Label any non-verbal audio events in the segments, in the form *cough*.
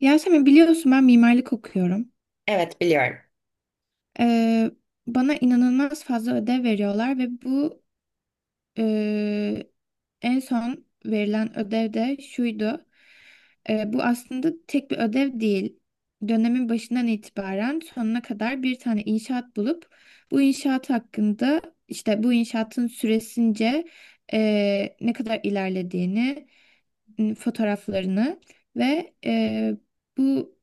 Yasemin biliyorsun ben mimarlık okuyorum. Evet, biliyorum. Ee, Bana inanılmaz fazla ödev veriyorlar ve bu e, en son verilen ödev de şuydu. Bu aslında tek bir ödev değil. Dönemin başından itibaren sonuna kadar bir tane inşaat bulup bu inşaat hakkında işte bu inşaatın süresince ne kadar ilerlediğini fotoğraflarını ve bu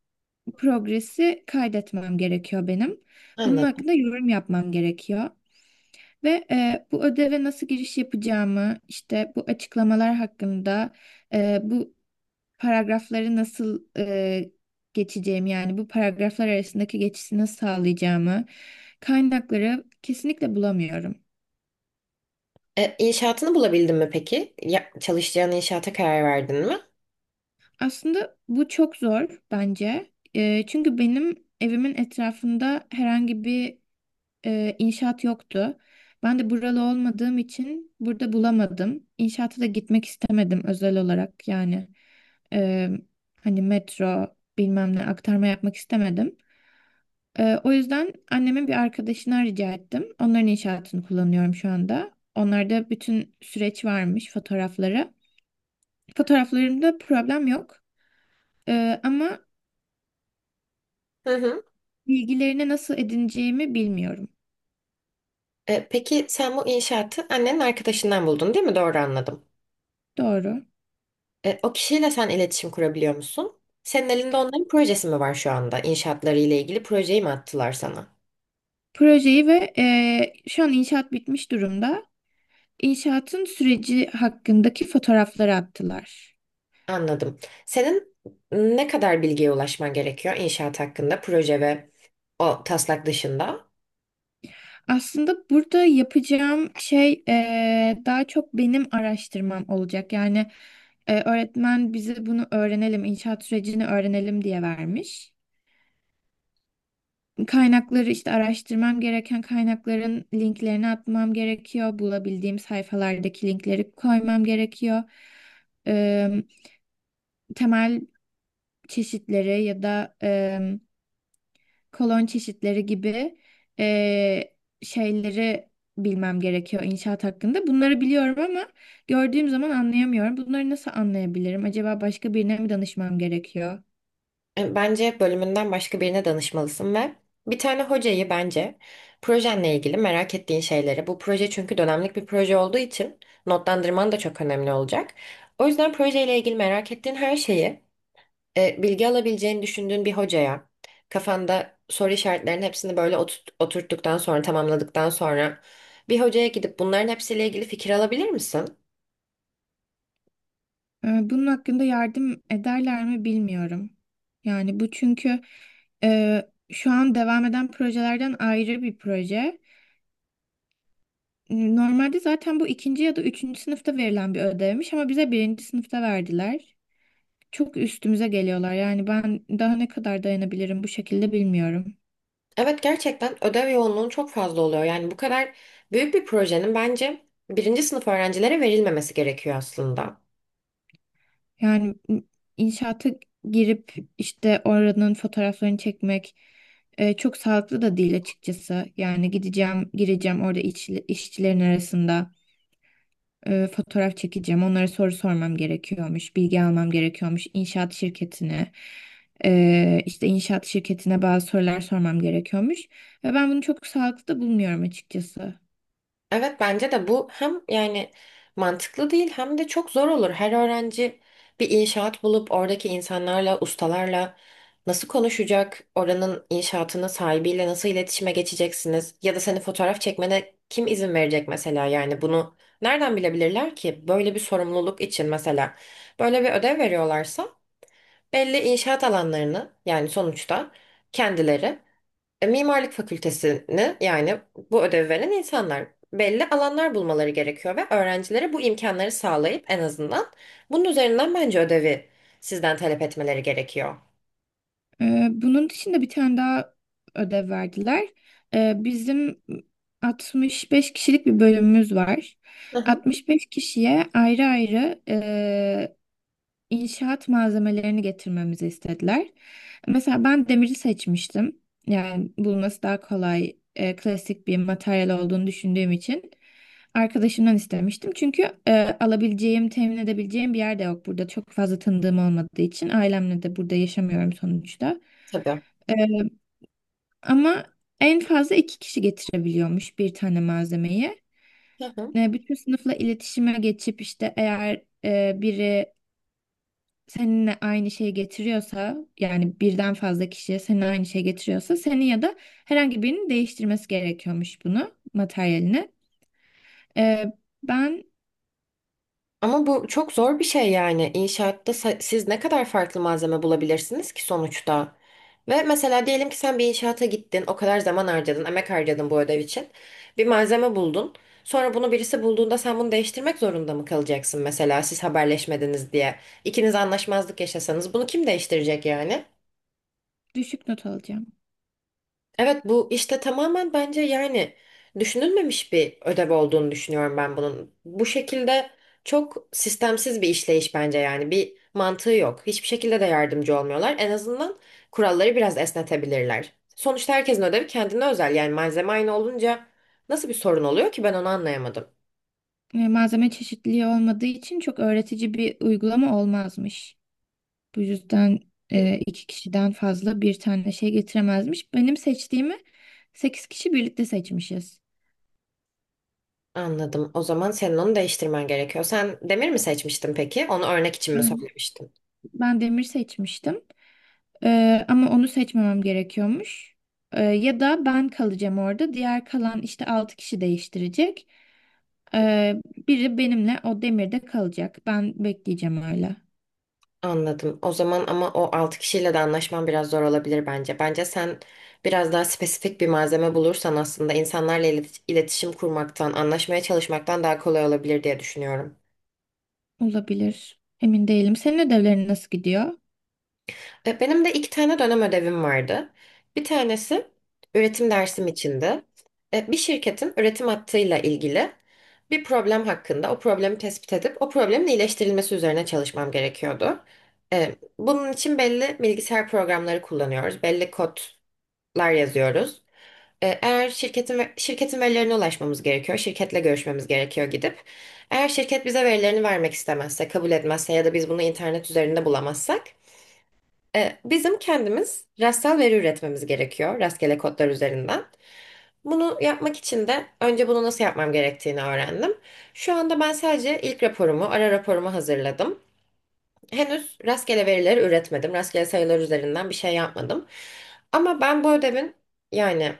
progresi kaydetmem gerekiyor benim. Bunun hakkında yorum yapmam gerekiyor. Ve bu ödeve nasıl giriş yapacağımı, işte bu açıklamalar hakkında, bu paragrafları nasıl geçeceğimi, yani bu paragraflar arasındaki geçişi nasıl sağlayacağımı, kaynakları kesinlikle bulamıyorum. İnşaatını bulabildin mi peki? Ya, çalışacağın inşaata karar verdin mi? Aslında bu çok zor bence. Çünkü benim evimin etrafında herhangi bir inşaat yoktu. Ben de buralı olmadığım için burada bulamadım. İnşaata da gitmek istemedim özel olarak yani. Eee, Hani metro bilmem ne aktarma yapmak istemedim. O yüzden annemin bir arkadaşına rica ettim. Onların inşaatını kullanıyorum şu anda. Onlarda bütün süreç varmış fotoğrafları. Fotoğraflarımda problem yok. Ama Hı hı. bilgilerini nasıl edineceğimi bilmiyorum. Peki sen bu inşaatı annenin arkadaşından buldun değil mi? Doğru anladım. Doğru. O kişiyle sen iletişim kurabiliyor musun? Senin elinde onların projesi mi var şu anda? İnşaatları ile ilgili projeyi mi attılar sana? Projeyi ve şu an inşaat bitmiş durumda. İnşaatın süreci hakkındaki fotoğrafları attılar. Anladım. Senin ne kadar bilgiye ulaşman gerekiyor inşaat hakkında, proje ve o taslak dışında? Aslında burada yapacağım şey daha çok benim araştırmam olacak. Yani öğretmen bize bunu öğrenelim, inşaat sürecini öğrenelim diye vermiş. Kaynakları işte araştırmam gereken kaynakların linklerini atmam gerekiyor. Bulabildiğim sayfalardaki linkleri koymam gerekiyor. Eee, Temel çeşitleri ya da kolon çeşitleri gibi eee, şeyleri bilmem gerekiyor inşaat hakkında. Bunları biliyorum ama gördüğüm zaman anlayamıyorum. Bunları nasıl anlayabilirim? Acaba başka birine mi danışmam gerekiyor? Bence bölümünden başka birine danışmalısın ve bir tane hocayı bence projenle ilgili merak ettiğin şeyleri, bu proje çünkü dönemlik bir proje olduğu için notlandırman da çok önemli olacak. O yüzden projeyle ilgili merak ettiğin her şeyi bilgi alabileceğini düşündüğün bir hocaya kafanda soru işaretlerinin hepsini böyle oturttuktan sonra tamamladıktan sonra bir hocaya gidip bunların hepsiyle ilgili fikir alabilir misin? Bunun hakkında yardım ederler mi bilmiyorum. Yani bu çünkü şu an devam eden projelerden ayrı bir proje. Normalde zaten bu ikinci ya da üçüncü sınıfta verilen bir ödevmiş ama bize birinci sınıfta verdiler. Çok üstümüze geliyorlar. Yani ben daha ne kadar dayanabilirim bu şekilde bilmiyorum. Evet, gerçekten ödev yoğunluğun çok fazla oluyor. Yani bu kadar büyük bir projenin bence birinci sınıf öğrencilere verilmemesi gerekiyor aslında. Yani inşaata girip işte oranın fotoğraflarını çekmek çok sağlıklı da değil açıkçası. Yani gideceğim, gireceğim orada işçilerin arasında. Fotoğraf çekeceğim. Onlara soru sormam gerekiyormuş, bilgi almam gerekiyormuş. İnşaat şirketine, işte inşaat şirketine bazı sorular sormam gerekiyormuş. Ve ben bunu çok sağlıklı da bulmuyorum açıkçası. Evet, bence de bu hem yani mantıklı değil hem de çok zor olur. Her öğrenci bir inşaat bulup oradaki insanlarla, ustalarla nasıl konuşacak? Oranın inşaatının sahibiyle nasıl iletişime geçeceksiniz? Ya da seni fotoğraf çekmene kim izin verecek mesela? Yani bunu nereden bilebilirler ki? Böyle bir sorumluluk için mesela böyle bir ödev veriyorlarsa belli inşaat alanlarını yani sonuçta kendileri mimarlık fakültesini yani bu ödevi veren insanlar belli alanlar bulmaları gerekiyor ve öğrencilere bu imkanları sağlayıp en azından bunun üzerinden bence ödevi sizden talep etmeleri gerekiyor. Bunun dışında bir tane daha ödev verdiler. Bizim 65 kişilik bir bölümümüz var. Hı hı, 65 kişiye ayrı ayrı inşaat malzemelerini getirmemizi istediler. Mesela ben demiri seçmiştim. Yani bulması daha kolay, klasik bir materyal olduğunu düşündüğüm için arkadaşımdan istemiştim. Çünkü alabileceğim, temin edebileceğim bir yer de yok burada. Çok fazla tanıdığım olmadığı için ailemle de burada yaşamıyorum sonuçta. tabii. E, Ama en fazla iki kişi getirebiliyormuş bir tane malzemeyi. Bütün sınıfla iletişime geçip işte eğer biri seninle aynı şeyi getiriyorsa yani birden fazla kişiye seninle aynı şeyi getiriyorsa senin ya da herhangi birinin değiştirmesi gerekiyormuş bunu materyalini. Ee, ben Ama bu çok zor bir şey yani. Siz ne kadar farklı malzeme bulabilirsiniz ki sonuçta? Ve mesela diyelim ki sen bir inşaata gittin, o kadar zaman harcadın, emek harcadın bu ödev için. Bir malzeme buldun. Sonra bunu birisi bulduğunda sen bunu değiştirmek zorunda mı kalacaksın mesela siz haberleşmediniz diye? İkiniz anlaşmazlık yaşasanız bunu kim değiştirecek yani? düşük not alacağım. Evet, bu işte tamamen bence yani düşünülmemiş bir ödev olduğunu düşünüyorum ben bunun. Bu şekilde çok sistemsiz bir işleyiş bence, yani bir mantığı yok. Hiçbir şekilde de yardımcı olmuyorlar. En azından kuralları biraz esnetebilirler. Sonuçta herkesin ödevi kendine özel, yani malzeme aynı olunca nasıl bir sorun oluyor ki ben onu anlayamadım. Malzeme çeşitliliği olmadığı için çok öğretici bir uygulama olmazmış. Bu yüzden *laughs* iki kişiden fazla bir tane şey getiremezmiş. Benim seçtiğimi sekiz kişi birlikte seçmişiz. Anladım. O zaman senin onu değiştirmen gerekiyor. Sen demir mi seçmiştin peki? Onu örnek için mi Ben, söylemiştin? ben demir seçmiştim. Ama onu seçmemem gerekiyormuş. Ya da ben kalacağım orada. Diğer kalan işte altı kişi değiştirecek. Ee, Biri benimle o demirde kalacak. Ben bekleyeceğim öyle. Anladım. O zaman ama o 6 kişiyle de anlaşman biraz zor olabilir bence. Bence sen biraz daha spesifik bir malzeme bulursan aslında insanlarla iletişim kurmaktan, anlaşmaya çalışmaktan daha kolay olabilir diye düşünüyorum. Olabilir. Emin değilim. Senin ödevlerin nasıl gidiyor? Benim de iki tane dönem ödevim vardı. Bir tanesi üretim dersim içindi. Bir şirketin üretim hattıyla ilgili bir problem hakkında o problemi tespit edip o problemin iyileştirilmesi üzerine çalışmam gerekiyordu. Bunun için belli bilgisayar programları kullanıyoruz. Belli kod lar yazıyoruz. Eğer şirketin verilerine ulaşmamız gerekiyor, şirketle görüşmemiz gerekiyor gidip. Eğer şirket bize verilerini vermek istemezse, kabul etmezse ya da biz bunu internet üzerinde bulamazsak, bizim kendimiz rastsal veri üretmemiz gerekiyor, rastgele kodlar üzerinden. Bunu yapmak için de önce bunu nasıl yapmam gerektiğini öğrendim. Şu anda ben sadece ilk raporumu, ara raporumu hazırladım. Henüz rastgele verileri üretmedim, rastgele sayılar üzerinden bir şey yapmadım. Ama ben yani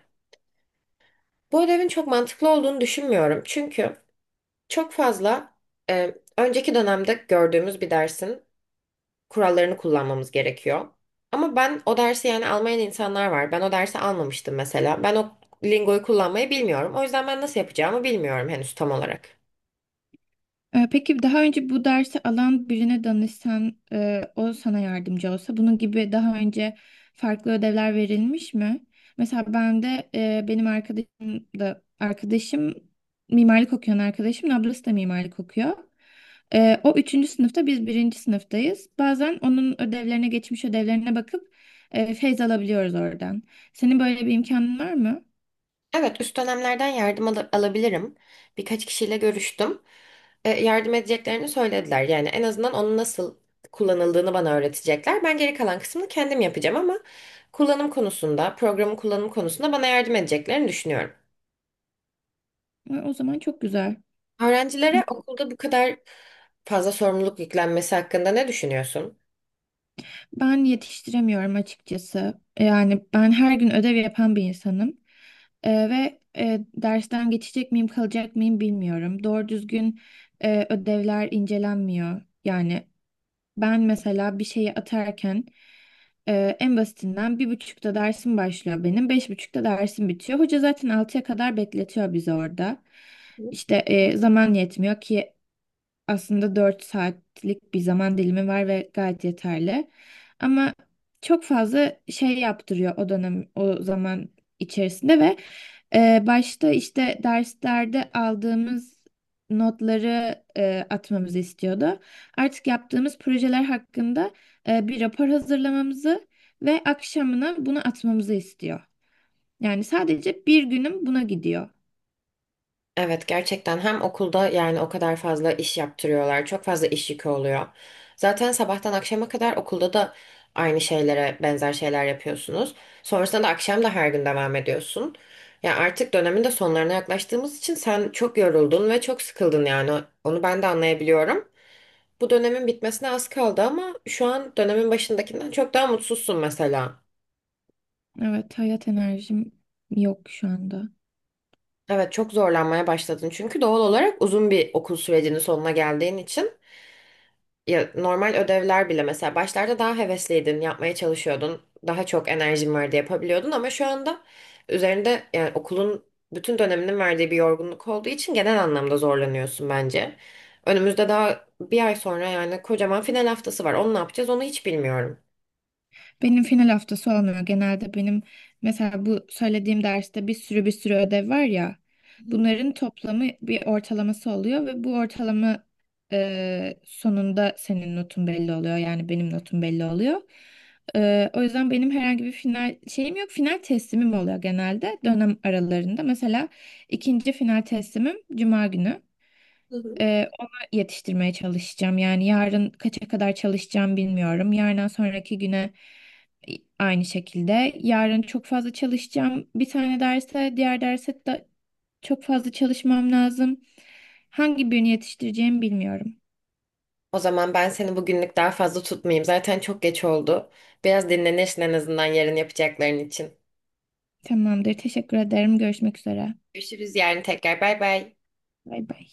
bu ödevin çok mantıklı olduğunu düşünmüyorum. Çünkü çok fazla önceki dönemde gördüğümüz bir dersin kurallarını kullanmamız gerekiyor. Ama ben o dersi yani almayan insanlar var. Ben o dersi almamıştım mesela. Ben o lingoyu kullanmayı bilmiyorum. O yüzden ben nasıl yapacağımı bilmiyorum henüz tam olarak. Peki daha önce bu dersi alan birine danışsan, o sana yardımcı olsa, bunun gibi daha önce farklı ödevler verilmiş mi? Mesela ben de e, benim arkadaşım da arkadaşım mimarlık okuyan arkadaşım, ablası da mimarlık okuyor. O üçüncü sınıfta biz birinci sınıftayız. Bazen onun geçmiş ödevlerine bakıp feyz alabiliyoruz oradan. Senin böyle bir imkanın var mı? Evet, üst dönemlerden alabilirim. Birkaç kişiyle görüştüm. Yardım edeceklerini söylediler. Yani en azından onun nasıl kullanıldığını bana öğretecekler. Ben geri kalan kısmını kendim yapacağım ama kullanım konusunda, programın kullanım konusunda bana yardım edeceklerini düşünüyorum. O zaman çok güzel. Öğrencilere okulda bu kadar fazla sorumluluk yüklenmesi hakkında ne düşünüyorsun? Ben yetiştiremiyorum açıkçası. Yani ben her gün ödev yapan bir insanım. Ve dersten geçecek miyim, kalacak mıyım bilmiyorum. Doğru düzgün ödevler incelenmiyor. Yani ben mesela bir şeyi atarken en basitinden bir buçukta dersim başlıyor benim. Beş buçukta dersim bitiyor. Hoca zaten altıya kadar bekletiyor bizi orada. İşte zaman yetmiyor ki aslında 4 saatlik bir zaman dilimi var ve gayet yeterli. Ama çok fazla şey yaptırıyor o dönem, o zaman içerisinde ve başta işte derslerde aldığımız notları atmamızı istiyordu. Artık yaptığımız projeler hakkında bir rapor hazırlamamızı ve akşamına bunu atmamızı istiyor. Yani sadece bir günüm buna gidiyor. Evet, gerçekten hem okulda yani o kadar fazla iş yaptırıyorlar. Çok fazla iş yükü oluyor. Zaten sabahtan akşama kadar okulda da aynı şeylere benzer şeyler yapıyorsunuz. Sonrasında da akşam da her gün devam ediyorsun. Ya artık dönemin de sonlarına yaklaştığımız için sen çok yoruldun ve çok sıkıldın yani. Onu ben de anlayabiliyorum. Bu dönemin bitmesine az kaldı ama şu an dönemin başındakinden çok daha mutsuzsun mesela. Evet, hayat enerjim yok şu anda. Evet, çok zorlanmaya başladın çünkü doğal olarak uzun bir okul sürecinin sonuna geldiğin için. Ya normal ödevler bile mesela başlarda daha hevesliydin, yapmaya çalışıyordun, daha çok enerjin vardı yapabiliyordun ama şu anda üzerinde yani okulun bütün döneminin verdiği bir yorgunluk olduğu için genel anlamda zorlanıyorsun bence. Önümüzde daha bir ay sonra yani kocaman final haftası var. Onu ne yapacağız onu hiç bilmiyorum. Benim final haftası olmuyor. Genelde benim mesela bu söylediğim derste bir sürü ödev var ya. Hı hı. Bunların toplamı bir ortalaması oluyor ve bu ortalama sonunda senin notun belli oluyor. Yani benim notum belli oluyor. O yüzden benim herhangi bir final şeyim yok. Final teslimim oluyor genelde dönem aralarında. Mesela ikinci final teslimim Cuma günü. Hı hı. Ona yetiştirmeye çalışacağım. Yani yarın kaça kadar çalışacağım bilmiyorum. Yarından sonraki güne aynı şekilde. Yarın çok fazla çalışacağım. Bir tane derse, diğer derse de çok fazla çalışmam lazım. Hangi birini yetiştireceğimi bilmiyorum. O zaman ben seni bugünlük daha fazla tutmayayım. Zaten çok geç oldu. Biraz dinlenirsin en azından yarın yapacakların için. Tamamdır. Teşekkür ederim. Görüşmek üzere. Görüşürüz yarın tekrar. Bay bay. Bay bay.